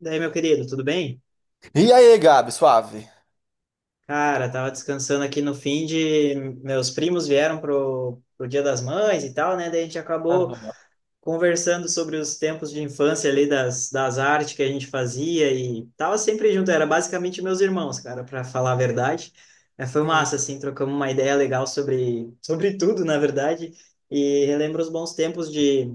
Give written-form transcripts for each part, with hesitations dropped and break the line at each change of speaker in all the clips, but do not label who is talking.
Daí, meu querido, tudo bem?
E aí, Gabi, suave?
Cara, tava descansando aqui no fim de. Meus primos vieram pro Dia das Mães e tal, né? Daí a gente acabou
Aham.
conversando sobre os tempos de infância ali das artes que a gente fazia e tava sempre junto, era basicamente meus irmãos, cara, para falar a verdade. É, foi
Sim.
massa, assim, trocamos uma ideia legal sobre tudo, na verdade, e relembro os bons tempos de.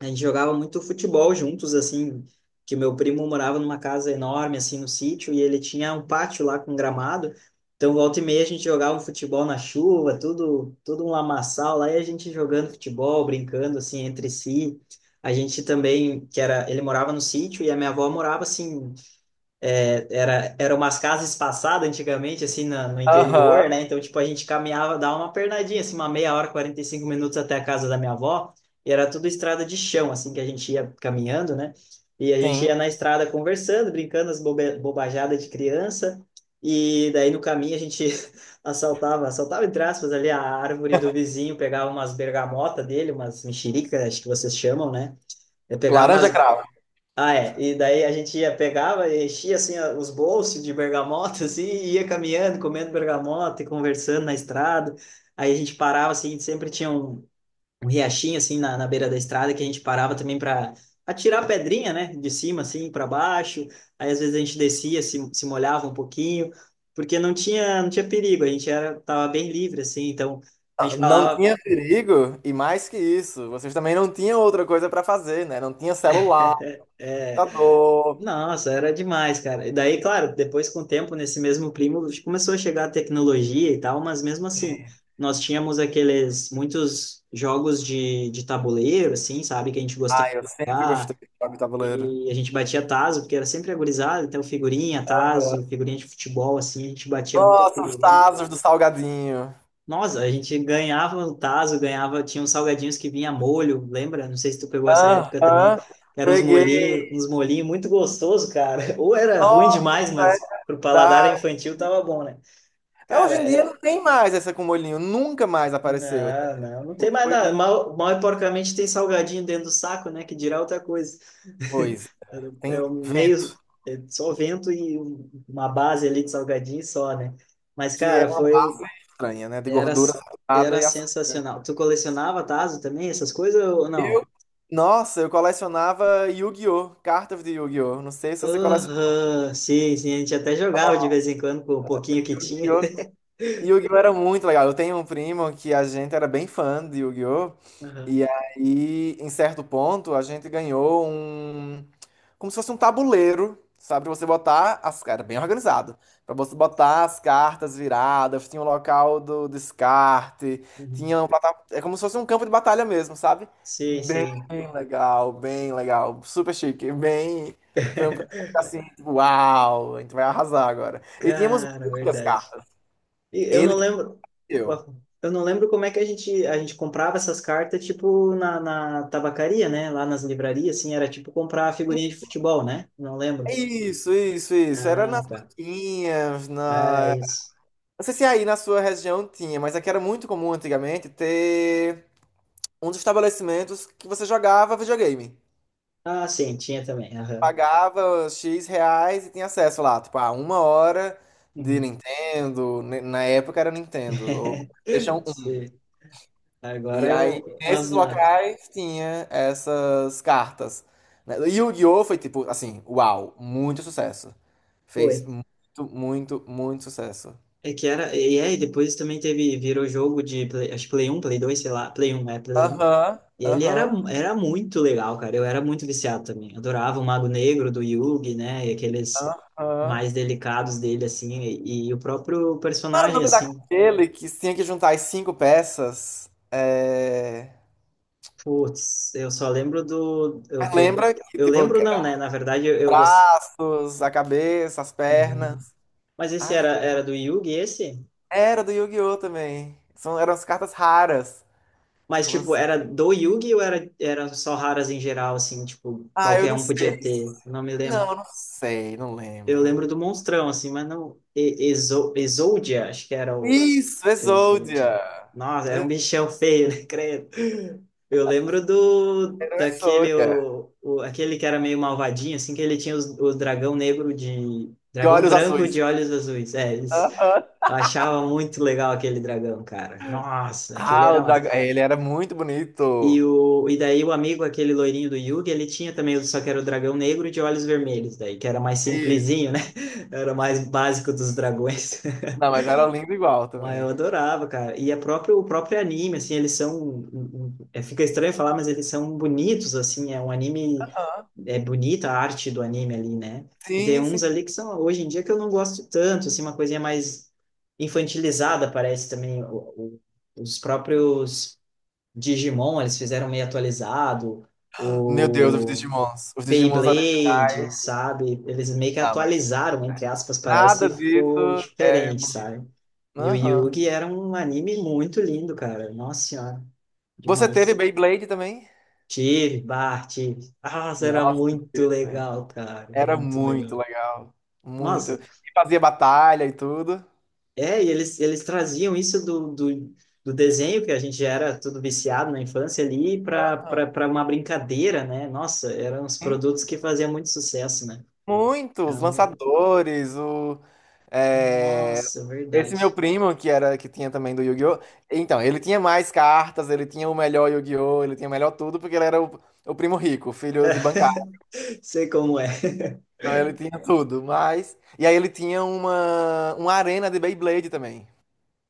A gente jogava muito futebol juntos, assim, que meu primo morava numa casa enorme, assim, no sítio, e ele tinha um pátio lá com gramado. Então, volta e meia, a gente jogava um futebol na chuva, tudo, tudo um lamaçal lá, e a gente jogando futebol, brincando, assim, entre si. A gente também, que era, ele morava no sítio e a minha avó morava, assim, era, eram umas casas espaçadas antigamente, assim, no
Aham.
interior, né? Então, tipo, a gente caminhava, dava uma pernadinha, assim, uma meia hora, 45 minutos até a casa da minha avó, e era tudo estrada de chão, assim, que a gente ia caminhando, né? E a gente
Sim.
ia na estrada conversando, brincando as bobajadas de criança, e daí no caminho a gente assaltava, entre aspas, ali a árvore do vizinho, pegava umas bergamotas dele, umas mexericas, acho que vocês chamam, né? Eu pegava
Laranja
umas,
cravo.
ah, é. E daí a gente ia, pegava, e enchia assim os bolsos de bergamota, assim, e ia caminhando, comendo bergamota e conversando na estrada. Aí a gente parava, assim, sempre tinha um, um riachinho, assim, na beira da estrada, que a gente parava também para atirar pedrinha, né, de cima, assim, para baixo. Aí às vezes a gente descia, se molhava um pouquinho, porque não tinha perigo, a gente era, tava bem livre, assim, então a gente
Não
falava.
tinha perigo, e mais que isso, vocês também não tinham outra coisa pra fazer, né? Não tinha celular,
É,
computador.
nossa, era demais, cara. E daí, claro, depois com o tempo, nesse mesmo primo, começou a chegar a tecnologia e tal, mas mesmo assim, nós tínhamos aqueles muitos jogos de tabuleiro, assim, sabe, que a gente gostava de
Ai, eu sempre gostei
jogar,
de jogar de tabuleiro.
e a gente batia tazo, porque era sempre a gurizada, então figurinha, tazo, figurinha de futebol, assim, a gente batia muita
Nossa, os
figurinha.
Tazos do Salgueiro.
Nossa, a gente ganhava o tazo, ganhava, tinha uns salgadinhos que vinha molho, lembra? Não sei se tu pegou essa época também,
Aham.
que eram
Peguei.
uns molhinhos muito gostoso, cara. Ou era ruim
Nossa,
demais,
é
mas pro paladar
verdade.
infantil tava bom, né?
Hoje
Cara,
em dia
é...
não tem mais essa com molhinho, nunca mais apareceu, né?
não tem
Tipo,
mais
Foi
nada.
muita
Mal e porcamente tem salgadinho dentro do saco, né? Que dirá outra coisa.
coisa. Tem
É um meio,
vento,
é só vento e uma base ali de salgadinho só, né? Mas,
que é
cara,
uma
foi.
barra estranha, né? De
Era,
gordura saturada
era
e açúcar.
sensacional. Tu colecionava Tazo também, essas coisas ou não?
Nossa, eu colecionava Yu-Gi-Oh! Cartas de Yu-Gi-Oh! Não sei se você colecionava
Aham, sim, a gente até jogava de vez em quando com o pouquinho que tinha.
Yu-Gi-Oh! Yu-Gi-Oh! Era muito legal. Eu tenho um primo que a gente era bem fã de Yu-Gi-Oh!
Aham,
E aí, em certo ponto, a gente ganhou um. Como se fosse um tabuleiro, sabe? Pra você botar as. Era bem organizado. Pra você botar as cartas viradas, tinha o local do descarte,
uhum.
tinha. É como se fosse um campo de batalha mesmo, sabe?
Sim,
Bem
sim.
legal, bem legal. Super chique, bem. Foi um presente assim, tipo, uau, a gente vai arrasar agora. E tínhamos
Cara,
muitas
verdade.
cartas.
E Eu não
Ele
lembro,
eu.
eu não lembro como é que a gente comprava essas cartas, tipo, na tabacaria, né? Lá nas livrarias, assim, era tipo comprar figurinha de futebol, né? Não lembro.
Isso, isso, isso. Era nas
Ah, tá.
banquinhas,
É
na.
isso.
Não sei se aí na sua região tinha, mas aqui era muito comum antigamente ter uns estabelecimentos que você jogava videogame.
Ah, sim, tinha também. Aham.
Pagava X reais e tinha acesso lá, tipo, a uma hora de
Uhum.
Nintendo. Na época era Nintendo, ou PlayStation um
Sim. Agora
E
é
aí,
o
nesses
Asnaf.
locais, tinha essas cartas, né? E o Yu-Gi-Oh! Foi tipo, assim, uau, muito sucesso. Fez
Foi.
muito, muito, muito sucesso.
É que era. E aí, depois também teve. Virou jogo de. Play, acho que Play um Play 2 sei lá. Play um é Play um.
Aham,
E
aham,
era muito legal, cara. Eu era muito viciado também. Adorava o Mago Negro do Yugi, né? E aqueles
aham.
mais delicados dele, assim. E o próprio
Qual era o
personagem,
nome
assim.
daquele que tinha que juntar as cinco peças? É...
Putz, eu só lembro do.
Mas lembra que,
Eu
tipo,
lembro,
eram
não, né? Na verdade,
os
eu gost-
braços, a cabeça, as
Uhum.
pernas.
Mas esse
Ah, meu Deus.
era do Yugi, esse?
Era do Yu-Gi-Oh! Também. São, eram as cartas raras.
Mas, tipo,
Você-
era do Yugi ou era só raras em geral, assim, tipo,
Ah, eu
qualquer
não
um
sei.
podia ter? Eu não me lembro.
Não, eu não sei, não
Eu lembro
lembro.
do Monstrão, assim, mas não. E- Exo, Exodia, acho que era o.
Isso,
Exodia.
Exodia.
Nossa, era um bichão feio, né, credo? Eu lembro do.
Era o
Daquele.
Exodia.
Aquele que era meio malvadinho, assim, que ele tinha os, o dragão negro de.
De
Dragão
olhos
branco
azuis.
de olhos azuis. É, eles
Aham.
eu achava muito legal aquele dragão, cara. Nossa, aquele
Ah, o
era.
dragão. Ele era muito bonito.
E daí o amigo, aquele loirinho do Yugi, ele tinha também, só que era o dragão negro de olhos vermelhos, daí, que era mais simplesinho, né? Era o mais básico dos dragões.
Não, mas era lindo igual
Mas eu
também.
adorava, cara. E a próprio, o próprio anime, assim, eles são. Fica estranho falar, mas eles são bonitos, assim. É um anime.
Aham.
É bonita a arte do anime ali, né? E tem
Sim,
uns
sim.
ali que são, hoje em dia, que eu não gosto tanto, assim, uma coisinha mais infantilizada, parece também. O- os próprios Digimon, eles fizeram meio atualizado,
Meu Deus, os
o
Digimons. Os Digimons
Beyblade,
originais.
sabe? Eles meio que
Não, mas
atualizaram, entre aspas, parece,
nada
e
disso
ficou
é.
diferente, sabe? E o
Aham.
Yugi era um anime muito lindo, cara. Nossa senhora,
Você teve
demais.
Beyblade também?
Tive, Bart, tive. Nossa, era
Nossa,
muito
teve também.
legal, cara,
Era
muito
muito
legal.
legal. Muito.
Nossa,
E fazia batalha e tudo.
é, e eles traziam isso do desenho, que a gente já era tudo viciado na infância ali,
Hã?
para uma brincadeira, né? Nossa, eram os produtos que faziam muito sucesso, né?
Muitos
Eram...
lançadores, o. É,
Nossa,
esse meu
verdade.
primo, que era que tinha também do Yu-Gi-Oh! Então, ele tinha mais cartas, ele tinha o melhor Yu-Gi-Oh! Ele tinha o melhor tudo, porque ele era o primo rico, filho de bancário.
Sei como é.
Então, ele tinha tudo, mas. E aí ele tinha uma arena de Beyblade também.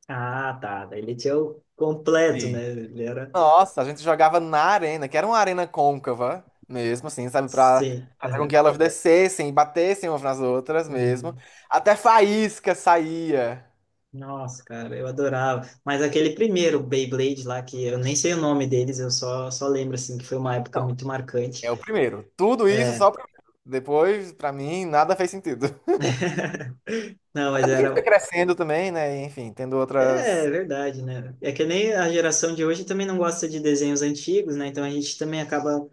Ah, tá. Daí ele tinha o completo,
Sim.
né? Ele era.
Nossa, a gente jogava na arena, que era uma arena côncava mesmo, assim, sabe? Pra
Sim,
fazer com que
aham.
elas descessem e batessem umas nas outras mesmo.
Uhum.
Até faísca saía.
Nossa, cara, eu adorava. Mas aquele primeiro Beyblade lá, que eu nem sei o nome deles, só lembro, assim, que foi uma época muito marcante.
É o primeiro. Tudo isso
É,
só o primeiro. Depois, pra mim, nada fez sentido.
não, mas
Até porque a gente foi
era.
crescendo também, né? E, enfim, tendo
É,
outras.
é verdade, né? É que nem a geração de hoje também não gosta de desenhos antigos, né? Então a gente também acaba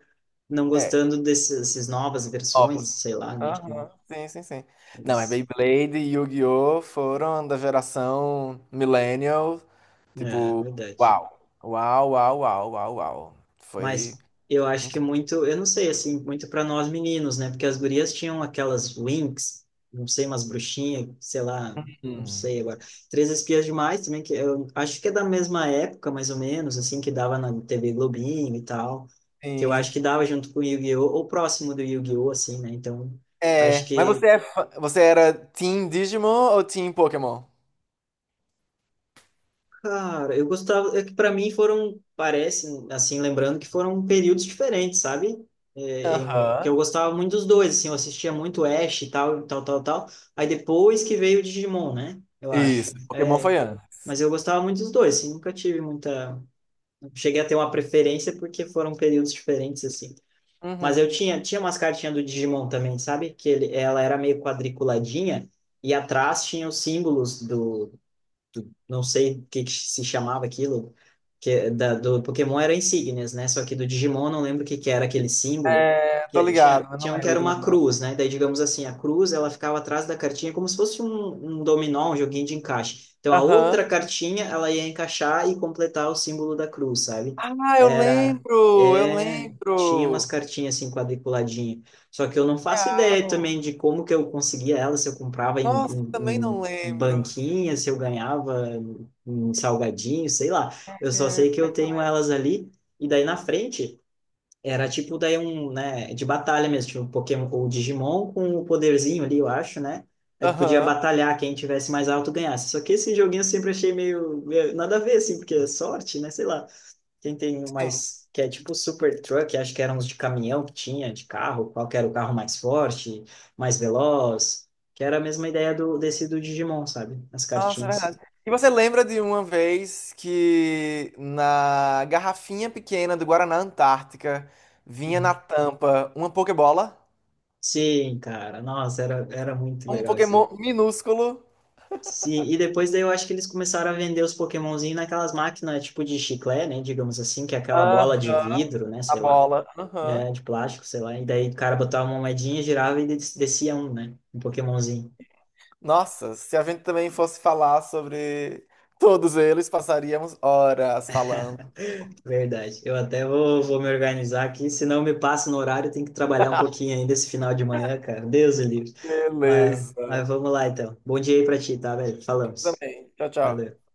não
É,
gostando dessas novas
novos.
versões, sei lá, né? Enfim,
Aham, sim, sim, sim. Não, mas
eles-
Beyblade e Yu-Gi-Oh! Foram da geração Millennial.
É, é
Tipo,
verdade.
uau. Uau, uau, uau, uau, uau. Foi
Mas eu acho que
incrível.
muito, eu não sei, assim, muito para nós meninos, né? Porque as gurias tinham aquelas Winx, não sei, umas bruxinhas, sei lá, não
Hum.
sei agora. Três Espias Demais também, que eu acho que é da mesma época, mais ou menos, assim, que dava na TV Globinho e tal, que eu
Sim.
acho que dava junto com o Yu-Gi-Oh! Ou próximo do Yu-Gi-Oh! Assim, né? Então, acho
É. Mas
que.
você é fã- você era Team Digimon ou Team Pokémon?
Cara, eu gostava, é que para mim foram, parece, assim, lembrando que foram períodos diferentes, sabe? É, em- que
Aham.
eu gostava muito dos dois, assim, eu assistia muito Ash e tal, tal, tal, tal. Aí depois que veio o Digimon, né? Eu acho.
Isso, Pokémon foi antes.
Mas eu gostava muito dos dois, assim, nunca tive muita. Não cheguei a ter uma preferência porque foram períodos diferentes, assim. Mas eu
Uhum.
tinha umas cartinhas do Digimon também, sabe? Que ele, ela era meio quadriculadinha e atrás tinha os símbolos não sei o que que se chamava aquilo, que é do Pokémon era insígnias, né? Só que do Digimon eu não lembro o que que era aquele símbolo.
É, tô
Que
ligado, mas não
tinha um que
lembro
era
também
uma
não nome.
cruz, né? Daí, digamos assim, a cruz ela ficava atrás da cartinha como se fosse um dominó, um joguinho de encaixe. Então, a
Aham.
outra cartinha ela ia encaixar e completar o símbolo da cruz, sabe?
Ah, eu
Era,
lembro, eu
é, tinha umas
lembro.
cartinhas assim quadriculadinhas. Só que eu não faço ideia
Real.
também de como que eu conseguia ela, se eu comprava
Nossa, também não lembro.
banquinha, se eu ganhava um salgadinho, sei lá. Eu só sei que
É,
eu tenho elas ali, e daí na frente era tipo daí um, né, de batalha mesmo, tipo um Pokémon ou Digimon com o poderzinho ali, eu acho, né? A gente podia
aham,
batalhar, quem tivesse mais alto ganhasse. Só que esse joguinho eu sempre achei meio nada a ver, assim, porque é sorte, né? Sei lá. Tem
sim.
umas que é tipo super truck, acho que eram uns de caminhão que tinha, de carro, qual que era o carro mais forte, mais veloz, que era a mesma ideia desse do Digimon, sabe? As
Nossa, é
cartinhas.
verdade. E você lembra de uma vez que na garrafinha pequena do Guaraná Antártica vinha na
Uhum.
tampa uma Pokébola?
Sim, cara, nossa, era muito
Um
legal isso.
Pokémon minúsculo?
Sim, e depois daí eu acho que eles começaram a vender os Pokémonzinhos naquelas máquinas tipo de chiclete, né? Digamos assim, que é aquela bola de
Aham,
vidro, né?
a
Sei lá,
bola. Aham.
é, de plástico, sei lá. E daí o cara botava uma moedinha, girava e des- descia um, né? Um Pokémonzinho.
Nossa, se a gente também fosse falar sobre todos eles, passaríamos horas falando.
Verdade. Vou me organizar aqui, senão me passa no horário, tem que trabalhar um pouquinho ainda esse final de manhã, cara. Deus o livre. Mas,
Beleza.
mas vamos lá então. Bom dia aí pra ti, tá, velho? Falamos.
Também. Tchau, tchau.
Valeu.